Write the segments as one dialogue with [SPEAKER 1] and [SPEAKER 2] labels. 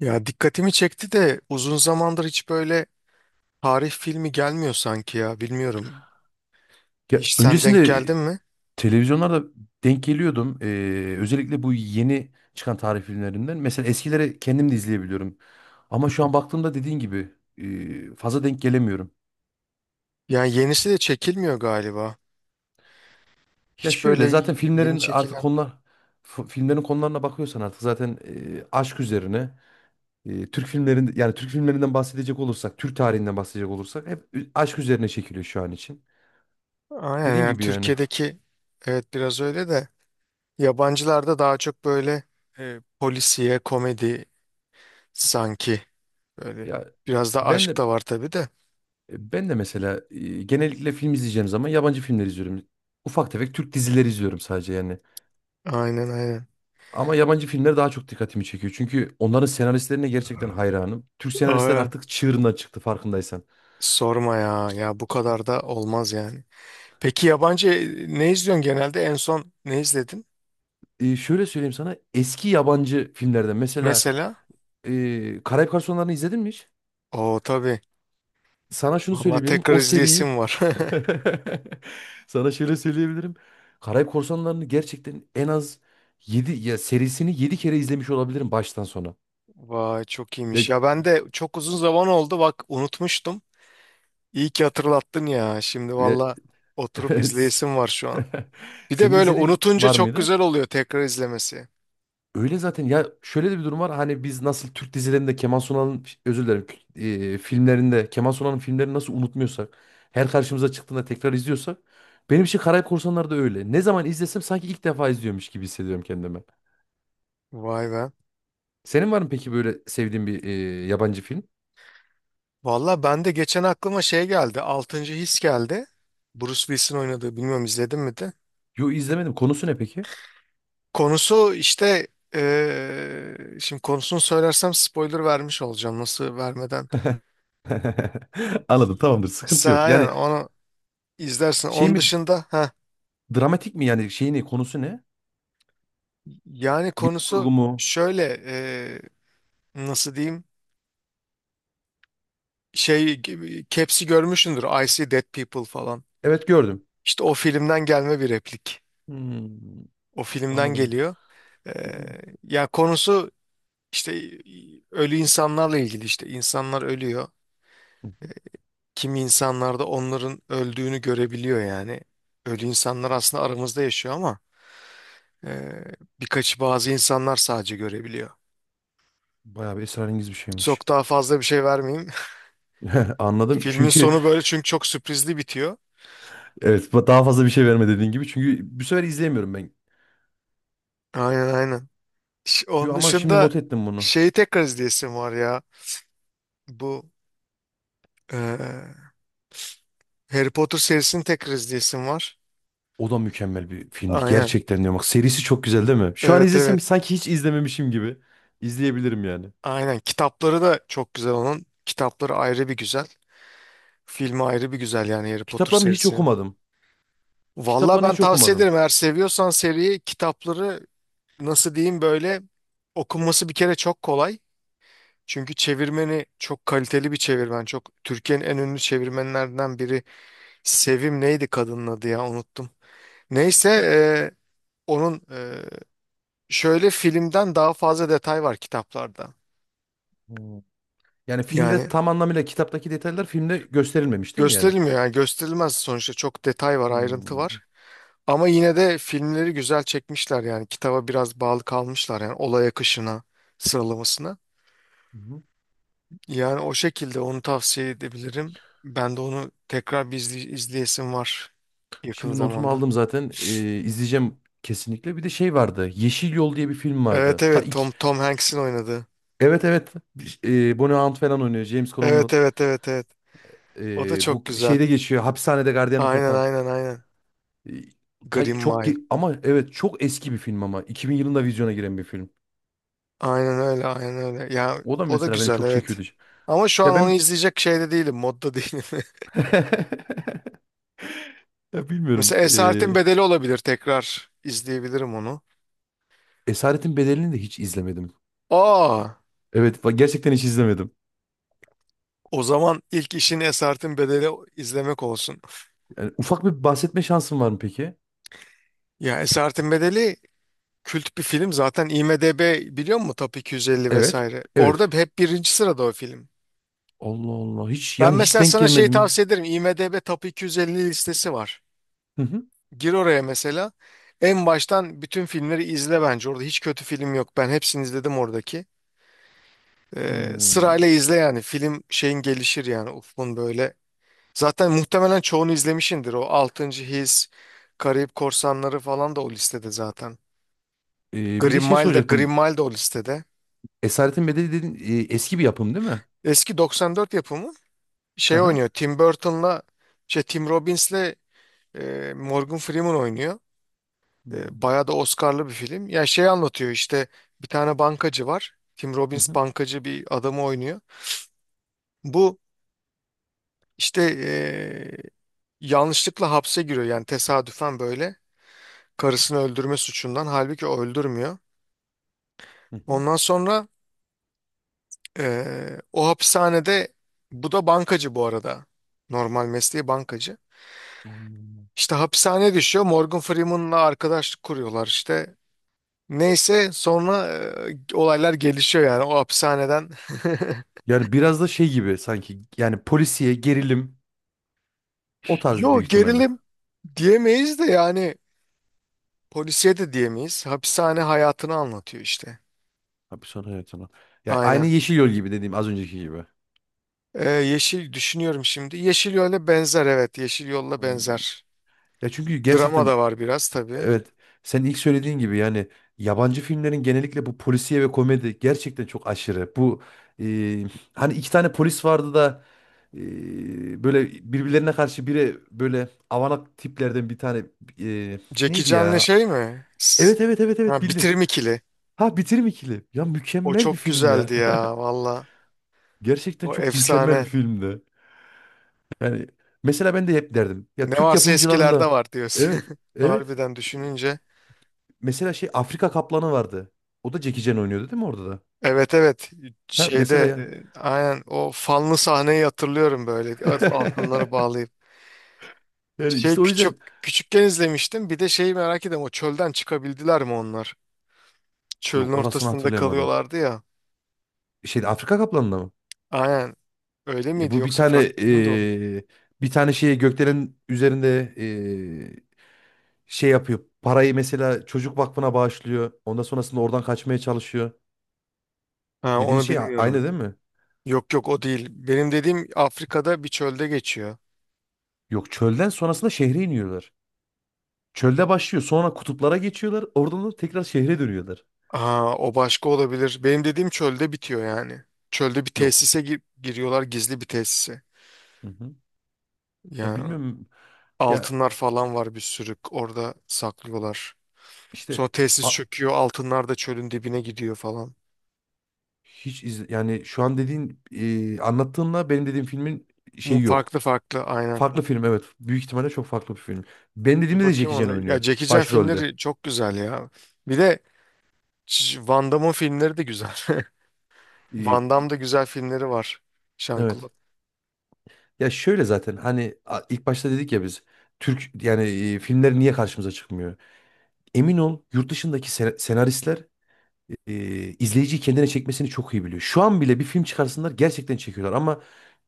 [SPEAKER 1] Ya dikkatimi çekti de uzun zamandır hiç böyle tarih filmi gelmiyor sanki ya bilmiyorum.
[SPEAKER 2] Ya
[SPEAKER 1] Hiç sen denk
[SPEAKER 2] öncesinde
[SPEAKER 1] geldin mi?
[SPEAKER 2] televizyonlarda denk geliyordum. Özellikle bu yeni çıkan tarih filmlerinden. Mesela eskileri kendim de izleyebiliyorum. Ama şu an baktığımda dediğin gibi fazla denk gelemiyorum.
[SPEAKER 1] Yani yenisi de çekilmiyor galiba.
[SPEAKER 2] Ya
[SPEAKER 1] Hiç böyle
[SPEAKER 2] şöyle zaten
[SPEAKER 1] yeni
[SPEAKER 2] filmlerin artık
[SPEAKER 1] çekilen.
[SPEAKER 2] filmlerin konularına bakıyorsan artık zaten aşk üzerine Türk filmlerin yani Türk filmlerinden bahsedecek olursak, Türk tarihinden bahsedecek olursak hep aşk üzerine çekiliyor şu an için.
[SPEAKER 1] Aynen
[SPEAKER 2] Dediğin
[SPEAKER 1] yani
[SPEAKER 2] gibi yani.
[SPEAKER 1] Türkiye'deki, evet, biraz öyle de yabancılarda daha çok böyle polisiye komedi sanki, böyle
[SPEAKER 2] Ya
[SPEAKER 1] biraz da
[SPEAKER 2] ben
[SPEAKER 1] aşk
[SPEAKER 2] de
[SPEAKER 1] da var tabii de.
[SPEAKER 2] Ben de mesela genellikle film izleyeceğim zaman yabancı filmler izliyorum. Ufak tefek Türk dizileri izliyorum sadece yani.
[SPEAKER 1] Aynen, aynen.
[SPEAKER 2] Ama yabancı filmler daha çok dikkatimi çekiyor. Çünkü onların senaristlerine gerçekten hayranım. Türk senaristler
[SPEAKER 1] Aa,
[SPEAKER 2] artık çığırından çıktı farkındaysan.
[SPEAKER 1] sorma ya, ya bu kadar da olmaz yani. Peki yabancı ne izliyorsun genelde? En son ne izledin?
[SPEAKER 2] Şöyle söyleyeyim sana. Eski yabancı filmlerden mesela
[SPEAKER 1] Mesela?
[SPEAKER 2] Karayip Korsanlarını izledin mi hiç?
[SPEAKER 1] Oo, tabii.
[SPEAKER 2] Sana şunu
[SPEAKER 1] Vallahi
[SPEAKER 2] söyleyebilirim
[SPEAKER 1] tekrar
[SPEAKER 2] o seriyi
[SPEAKER 1] izleyesim var.
[SPEAKER 2] sana şöyle söyleyebilirim. Karayip Korsanları'nı gerçekten en az yedi, ya serisini 7 kere izlemiş olabilirim baştan sona.
[SPEAKER 1] Vay, çok
[SPEAKER 2] Ya,
[SPEAKER 1] iyiymiş. Ya ben de çok uzun zaman oldu. Bak, unutmuştum. İyi ki hatırlattın ya. Şimdi
[SPEAKER 2] ya
[SPEAKER 1] valla oturup izleyesim var şu an. Bir de
[SPEAKER 2] Senin de
[SPEAKER 1] böyle
[SPEAKER 2] izlediğin
[SPEAKER 1] unutunca
[SPEAKER 2] var
[SPEAKER 1] çok
[SPEAKER 2] mıydı?
[SPEAKER 1] güzel oluyor tekrar izlemesi.
[SPEAKER 2] Öyle zaten. Ya şöyle de bir durum var. Hani biz nasıl Türk dizilerinde Kemal Sunal'ın özür dilerim filmlerinde, Kemal Sunal'ın filmlerini nasıl unutmuyorsak, her karşımıza çıktığında tekrar izliyorsak, benim için Karayip Korsanları da öyle. Ne zaman izlesem sanki ilk defa izliyormuş gibi hissediyorum kendimi.
[SPEAKER 1] Vay be.
[SPEAKER 2] Senin var mı peki böyle sevdiğin bir yabancı film?
[SPEAKER 1] Valla ben de geçen aklıma şey geldi. Altıncı His geldi. Bruce Willis'in oynadığı. Bilmiyorum izledin mi de?
[SPEAKER 2] Yo, izlemedim. Konusu ne peki?
[SPEAKER 1] Konusu işte şimdi konusunu söylersem spoiler vermiş olacağım, nasıl vermeden.
[SPEAKER 2] Anladım, tamamdır, sıkıntı
[SPEAKER 1] Sen
[SPEAKER 2] yok.
[SPEAKER 1] aynen
[SPEAKER 2] Yani
[SPEAKER 1] onu izlersin.
[SPEAKER 2] şey
[SPEAKER 1] Onun
[SPEAKER 2] mi
[SPEAKER 1] dışında ha,
[SPEAKER 2] Dramatik mi yani, şeyini, konusu ne?
[SPEAKER 1] yani
[SPEAKER 2] Bilim
[SPEAKER 1] konusu
[SPEAKER 2] kurgu mu?
[SPEAKER 1] şöyle, nasıl diyeyim, Caps'i görmüşsündür, I See Dead People falan.
[SPEAKER 2] Evet, gördüm.
[SPEAKER 1] İşte o filmden gelme bir replik.
[SPEAKER 2] Hmm,
[SPEAKER 1] O filmden
[SPEAKER 2] anladım.
[SPEAKER 1] geliyor.
[SPEAKER 2] Bir-
[SPEAKER 1] Eee ya konusu işte ölü insanlarla ilgili, işte insanlar ölüyor.
[SPEAKER 2] Hı hı.
[SPEAKER 1] Kimi insanlar da onların öldüğünü görebiliyor yani. Ölü insanlar aslında aramızda yaşıyor ama e, birkaçı, bazı insanlar sadece görebiliyor.
[SPEAKER 2] Bayağı bir esrarengiz bir şeymiş.
[SPEAKER 1] Çok daha fazla bir şey vermeyeyim.
[SPEAKER 2] Anladım.
[SPEAKER 1] Filmin
[SPEAKER 2] Çünkü
[SPEAKER 1] sonu böyle, çünkü çok sürprizli bitiyor.
[SPEAKER 2] evet, daha fazla bir şey verme dediğin gibi. Çünkü bu sefer izleyemiyorum ben.
[SPEAKER 1] Aynen, aynen.
[SPEAKER 2] Yo,
[SPEAKER 1] Onun
[SPEAKER 2] ama şimdi
[SPEAKER 1] dışında
[SPEAKER 2] not ettim bunu.
[SPEAKER 1] şeyi tekrar izleyesim var ya. Bu e, Harry Potter serisini tekrar izleyesim var.
[SPEAKER 2] O da mükemmel bir filmdi.
[SPEAKER 1] Aynen.
[SPEAKER 2] Gerçekten diyorum. Bak serisi çok güzel değil mi? Şu an
[SPEAKER 1] Evet, evet.
[SPEAKER 2] izlesem sanki hiç izlememişim gibi. İzleyebilirim yani.
[SPEAKER 1] Aynen. Kitapları da çok güzel onun. Kitapları ayrı bir güzel. Filmi ayrı bir güzel, yani Harry Potter
[SPEAKER 2] Kitaplarını hiç
[SPEAKER 1] serisi.
[SPEAKER 2] okumadım.
[SPEAKER 1] Valla
[SPEAKER 2] Kitaplarını
[SPEAKER 1] ben
[SPEAKER 2] hiç
[SPEAKER 1] tavsiye
[SPEAKER 2] okumadım.
[SPEAKER 1] ederim, eğer seviyorsan seriyi. Kitapları, nasıl diyeyim, böyle okunması bir kere çok kolay. Çünkü çevirmeni çok kaliteli bir çevirmen. Çok, Türkiye'nin en ünlü çevirmenlerinden biri. Sevim neydi kadının adı, ya unuttum. Neyse, onun şöyle filmden daha fazla detay var kitaplarda.
[SPEAKER 2] Hmm. Yani filmde
[SPEAKER 1] Yani
[SPEAKER 2] tam anlamıyla kitaptaki detaylar filmde gösterilmemiş değil mi yani?
[SPEAKER 1] gösterilmiyor, yani gösterilmez sonuçta, çok detay var, ayrıntı
[SPEAKER 2] Hmm.
[SPEAKER 1] var. Ama yine de filmleri güzel çekmişler, yani kitaba biraz bağlı kalmışlar, yani olay akışına, sıralamasına.
[SPEAKER 2] Hı hı.
[SPEAKER 1] Yani o şekilde onu tavsiye edebilirim. Ben de onu tekrar bir izleyesim var yakın
[SPEAKER 2] Şimdi notumu
[SPEAKER 1] zamanda.
[SPEAKER 2] aldım zaten. İzleyeceğim kesinlikle. Bir de şey vardı. Yeşil Yol diye bir film
[SPEAKER 1] Evet,
[SPEAKER 2] vardı, ta
[SPEAKER 1] evet, Tom
[SPEAKER 2] ilk.
[SPEAKER 1] Tom Hanks'in oynadığı.
[SPEAKER 2] Evet evet. Bonnie Hunt falan oynuyor. James
[SPEAKER 1] Evet,
[SPEAKER 2] Cromwell.
[SPEAKER 1] evet, evet, evet. O da çok
[SPEAKER 2] Bu
[SPEAKER 1] güzel.
[SPEAKER 2] şeyde geçiyor. Hapishanede gardiyanlık
[SPEAKER 1] Aynen,
[SPEAKER 2] yapan.
[SPEAKER 1] aynen, aynen.
[SPEAKER 2] Ee,
[SPEAKER 1] Green Mile.
[SPEAKER 2] ama evet çok eski bir film ama. 2000 yılında vizyona giren bir film.
[SPEAKER 1] Aynen öyle, aynen öyle. Ya
[SPEAKER 2] O da
[SPEAKER 1] o da
[SPEAKER 2] mesela beni
[SPEAKER 1] güzel,
[SPEAKER 2] çok
[SPEAKER 1] evet.
[SPEAKER 2] çekiyordu.
[SPEAKER 1] Ama şu an
[SPEAKER 2] Ya
[SPEAKER 1] onu
[SPEAKER 2] ben
[SPEAKER 1] izleyecek şeyde değilim, modda değilim.
[SPEAKER 2] ya bilmiyorum.
[SPEAKER 1] Mesela Esaretin Bedeli olabilir, tekrar izleyebilirim onu.
[SPEAKER 2] Esaretin Bedeli'ni de hiç izlemedim.
[SPEAKER 1] Aa,
[SPEAKER 2] Gerçekten hiç izlemedim.
[SPEAKER 1] o zaman ilk işin Esaretin Bedeli izlemek olsun.
[SPEAKER 2] Yani ufak bir bahsetme şansın var mı peki?
[SPEAKER 1] Ya Esaretin Bedeli kült bir film zaten. IMDb, biliyor musun, Top 250
[SPEAKER 2] Evet.
[SPEAKER 1] vesaire.
[SPEAKER 2] Evet.
[SPEAKER 1] Orada hep birinci sırada o film.
[SPEAKER 2] Allah Allah. Hiç
[SPEAKER 1] Ben
[SPEAKER 2] yani, hiç
[SPEAKER 1] mesela
[SPEAKER 2] denk
[SPEAKER 1] sana şey
[SPEAKER 2] gelmedi mi?
[SPEAKER 1] tavsiye ederim. IMDb Top 250 listesi var.
[SPEAKER 2] Hı hı.
[SPEAKER 1] Gir oraya mesela. En baştan bütün filmleri izle bence. Orada hiç kötü film yok. Ben hepsini izledim oradaki.
[SPEAKER 2] Hmm.
[SPEAKER 1] Sırayla izle yani. Film şeyin gelişir yani. Ufkun böyle. Zaten muhtemelen çoğunu izlemişindir. O Altıncı His, Karayip Korsanları falan da o listede zaten.
[SPEAKER 2] Bir de
[SPEAKER 1] Green
[SPEAKER 2] şey
[SPEAKER 1] Mile de Green
[SPEAKER 2] soracaktım.
[SPEAKER 1] Mile de o listede.
[SPEAKER 2] Esaretin Bedeli dedin, eski bir yapım değil mi?
[SPEAKER 1] Eski 94 yapımı.
[SPEAKER 2] Hı
[SPEAKER 1] Şey
[SPEAKER 2] hı.
[SPEAKER 1] oynuyor, Tim Burton'la, şey, Tim Robbins'le Morgan Freeman oynuyor.
[SPEAKER 2] Hmm.
[SPEAKER 1] Bayağı da Oscar'lı bir film. Ya şey anlatıyor işte, bir tane bankacı var. Tim
[SPEAKER 2] Hı
[SPEAKER 1] Robbins
[SPEAKER 2] hı.
[SPEAKER 1] bankacı bir adamı oynuyor. Bu işte yanlışlıkla hapse giriyor, yani tesadüfen böyle. Karısını öldürme suçundan, halbuki o öldürmüyor.
[SPEAKER 2] Hı hı.
[SPEAKER 1] Ondan sonra o hapishanede, bu da bankacı bu arada. Normal mesleği bankacı.
[SPEAKER 2] Anladım.
[SPEAKER 1] İşte hapishane düşüyor, Morgan Freeman'la arkadaşlık kuruyorlar işte. Neyse, sonra olaylar gelişiyor yani o hapishaneden.
[SPEAKER 2] Yani biraz da şey gibi sanki, yani polisiye gerilim, o tarz
[SPEAKER 1] Yo,
[SPEAKER 2] büyük ihtimalle.
[SPEAKER 1] gerilim diyemeyiz de yani, polisiye de diyemeyiz. Hapishane hayatını anlatıyor işte.
[SPEAKER 2] Hapishane hayatına. Yani aynı
[SPEAKER 1] Aynen.
[SPEAKER 2] Yeşil Yol gibi, dediğim az önceki gibi.
[SPEAKER 1] Yeşil düşünüyorum şimdi. Yeşil Yol'a benzer, evet. Yeşil Yol'la
[SPEAKER 2] Hmm.
[SPEAKER 1] benzer.
[SPEAKER 2] Ya çünkü
[SPEAKER 1] Drama
[SPEAKER 2] gerçekten
[SPEAKER 1] da var biraz tabii.
[SPEAKER 2] evet, sen ilk söylediğin gibi yani yabancı filmlerin genellikle bu polisiye ve komedi gerçekten çok aşırı. Bu e, hani iki tane polis vardı da böyle birbirlerine karşı, biri böyle avanak tiplerden, bir tane e,
[SPEAKER 1] Jackie
[SPEAKER 2] neydi
[SPEAKER 1] Chan'le
[SPEAKER 2] ya?
[SPEAKER 1] şey mi?
[SPEAKER 2] Evet evet evet evet,
[SPEAKER 1] Ha,
[SPEAKER 2] bildin.
[SPEAKER 1] Bitirim ikili.
[SPEAKER 2] Ha, Bitirim ikili. Ya
[SPEAKER 1] O
[SPEAKER 2] mükemmel bir
[SPEAKER 1] çok
[SPEAKER 2] film ya.
[SPEAKER 1] güzeldi ya, valla.
[SPEAKER 2] Gerçekten
[SPEAKER 1] O
[SPEAKER 2] çok mükemmel bir
[SPEAKER 1] efsane.
[SPEAKER 2] filmdi. Yani mesela ben de hep derdim. Ya
[SPEAKER 1] Ne
[SPEAKER 2] Türk
[SPEAKER 1] varsa eskilerde
[SPEAKER 2] yapımcılarında.
[SPEAKER 1] var diyorsun.
[SPEAKER 2] Evet evet.
[SPEAKER 1] Harbiden, düşününce.
[SPEAKER 2] Mesela şey, Afrika Kaplanı vardı. O da Jackie Chan oynuyordu değil mi orada da?
[SPEAKER 1] Evet, evet,
[SPEAKER 2] Ha mesela
[SPEAKER 1] şeyde
[SPEAKER 2] yani.
[SPEAKER 1] aynen o fanlı sahneyi hatırlıyorum, böyle altınları bağlayıp.
[SPEAKER 2] Yani
[SPEAKER 1] Şey,
[SPEAKER 2] işte o
[SPEAKER 1] küçük
[SPEAKER 2] yüzden,
[SPEAKER 1] küçükken izlemiştim, bir de şeyi merak ediyorum, o çölden çıkabildiler mi onlar?
[SPEAKER 2] yok
[SPEAKER 1] Çölün
[SPEAKER 2] orasını
[SPEAKER 1] ortasında
[SPEAKER 2] hatırlayamadım.
[SPEAKER 1] kalıyorlardı ya.
[SPEAKER 2] Şeyde, Afrika Kaplanı'nda mı?
[SPEAKER 1] Aynen, öyle miydi
[SPEAKER 2] Bu bir
[SPEAKER 1] yoksa farklı
[SPEAKER 2] tane,
[SPEAKER 1] bir film de oldu?
[SPEAKER 2] şeyi, gökdelenin üzerinde şey yapıyor. Parayı mesela çocuk vakfına bağışlıyor. Ondan sonrasında oradan kaçmaya çalışıyor.
[SPEAKER 1] Ha,
[SPEAKER 2] Dediğim
[SPEAKER 1] onu
[SPEAKER 2] şey aynı
[SPEAKER 1] bilmiyorum.
[SPEAKER 2] değil mi?
[SPEAKER 1] Yok, yok, o değil. Benim dediğim Afrika'da bir çölde geçiyor.
[SPEAKER 2] Yok, çölden sonrasında şehre iniyorlar. Çölde başlıyor. Sonra kutuplara geçiyorlar. Oradan da tekrar şehre dönüyorlar.
[SPEAKER 1] Aa, o başka olabilir. Benim dediğim çölde bitiyor yani. Çölde bir
[SPEAKER 2] Yok.
[SPEAKER 1] tesise giriyorlar, gizli bir tesise.
[SPEAKER 2] Hı hı. Ya
[SPEAKER 1] Yani
[SPEAKER 2] bilmiyorum. Ya
[SPEAKER 1] altınlar falan var bir sürü, orada saklıyorlar.
[SPEAKER 2] İşte
[SPEAKER 1] Sonra tesis
[SPEAKER 2] a-
[SPEAKER 1] çöküyor, altınlar da çölün dibine gidiyor falan.
[SPEAKER 2] hiç iz, yani şu an dediğin, anlattığınla benim dediğim filmin
[SPEAKER 1] Bu
[SPEAKER 2] şeyi yok.
[SPEAKER 1] farklı, farklı aynen.
[SPEAKER 2] Farklı film evet. Büyük ihtimalle çok farklı bir film. Benim
[SPEAKER 1] Bir
[SPEAKER 2] dediğimde de Jackie
[SPEAKER 1] bakayım
[SPEAKER 2] Chan
[SPEAKER 1] ona.
[SPEAKER 2] oynuyor
[SPEAKER 1] Ya Jackie Chan
[SPEAKER 2] başrolde.
[SPEAKER 1] filmleri çok güzel ya. Bir de Van Damme'ın filmleri de güzel.
[SPEAKER 2] E,
[SPEAKER 1] Van Damme'da güzel filmleri var. Jean
[SPEAKER 2] evet. Ya şöyle zaten, hani ilk başta dedik ya biz Türk yani, filmler niye karşımıza çıkmıyor? Emin ol yurt dışındaki senaristler e, izleyiciyi kendine çekmesini çok iyi biliyor. Şu an bile bir film çıkarsınlar gerçekten çekiyorlar, ama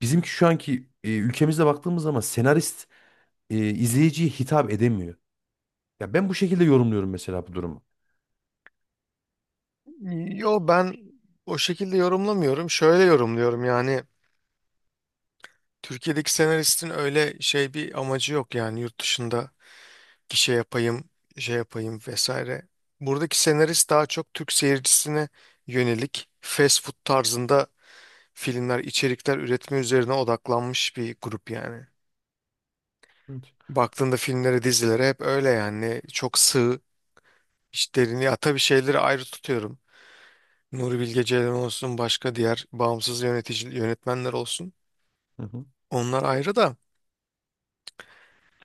[SPEAKER 2] bizimki şu anki, ülkemizde baktığımız zaman senarist izleyiciye hitap edemiyor. Ya ben bu şekilde yorumluyorum mesela bu durumu.
[SPEAKER 1] Yo, ben o şekilde yorumlamıyorum. Şöyle yorumluyorum yani, Türkiye'deki senaristin öyle şey bir amacı yok, yani yurt dışında bir şey yapayım, şey yapayım vesaire. Buradaki senarist daha çok Türk seyircisine yönelik fast food tarzında filmler, içerikler üretme üzerine odaklanmış bir grup yani.
[SPEAKER 2] Evet.
[SPEAKER 1] Baktığında filmlere, dizilere hep öyle yani, çok sığ işlerini. Ya tabii şeyleri ayrı tutuyorum. Nuri Bilge Ceylan olsun, başka diğer bağımsız yönetici yönetmenler olsun.
[SPEAKER 2] Hı hı.
[SPEAKER 1] Onlar ayrı da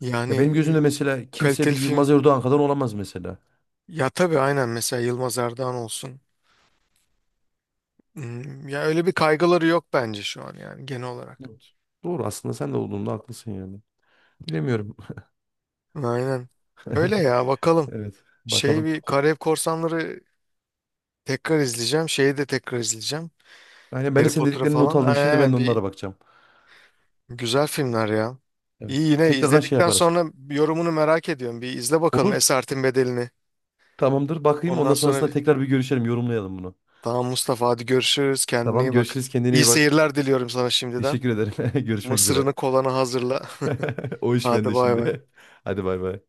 [SPEAKER 1] yani,
[SPEAKER 2] Ya benim gözümde mesela kimse
[SPEAKER 1] kaliteli
[SPEAKER 2] bir Yılmaz
[SPEAKER 1] film,
[SPEAKER 2] Erdoğan kadar olamaz mesela.
[SPEAKER 1] ya tabii aynen, mesela Yılmaz Erdoğan olsun. Ya öyle bir kaygıları yok bence şu an, yani genel olarak.
[SPEAKER 2] Evet. Doğru aslında, sen de olduğunda haklısın yani. Bilemiyorum.
[SPEAKER 1] Aynen. Öyle ya, bakalım.
[SPEAKER 2] Evet.
[SPEAKER 1] Şey,
[SPEAKER 2] Bakalım.
[SPEAKER 1] bir Karayip Korsanları tekrar izleyeceğim. Şeyi de tekrar izleyeceğim.
[SPEAKER 2] Yani ben de
[SPEAKER 1] Harry
[SPEAKER 2] senin
[SPEAKER 1] Potter'ı
[SPEAKER 2] dediklerini not
[SPEAKER 1] falan.
[SPEAKER 2] aldım. Şimdi ben
[SPEAKER 1] Aynen,
[SPEAKER 2] de onlara
[SPEAKER 1] bir
[SPEAKER 2] bakacağım.
[SPEAKER 1] güzel filmler ya.
[SPEAKER 2] Evet.
[SPEAKER 1] İyi, yine
[SPEAKER 2] Tekrardan şey
[SPEAKER 1] izledikten
[SPEAKER 2] yaparız.
[SPEAKER 1] sonra yorumunu merak ediyorum. Bir izle bakalım
[SPEAKER 2] Olur.
[SPEAKER 1] Esaretin Bedeli'ni.
[SPEAKER 2] Tamamdır. Bakayım.
[SPEAKER 1] Ondan
[SPEAKER 2] Ondan
[SPEAKER 1] sonra
[SPEAKER 2] sonrasında
[SPEAKER 1] bir...
[SPEAKER 2] tekrar bir görüşelim. Yorumlayalım bunu.
[SPEAKER 1] Tamam Mustafa, hadi görüşürüz. Kendine
[SPEAKER 2] Tamam.
[SPEAKER 1] iyi bak.
[SPEAKER 2] Görüşürüz. Kendine
[SPEAKER 1] İyi
[SPEAKER 2] iyi bak.
[SPEAKER 1] seyirler diliyorum sana şimdiden.
[SPEAKER 2] Teşekkür ederim. Görüşmek üzere.
[SPEAKER 1] Mısırını, kolana hazırla.
[SPEAKER 2] O iş
[SPEAKER 1] Hadi
[SPEAKER 2] bende
[SPEAKER 1] bay bay.
[SPEAKER 2] şimdi. Hadi bay bay.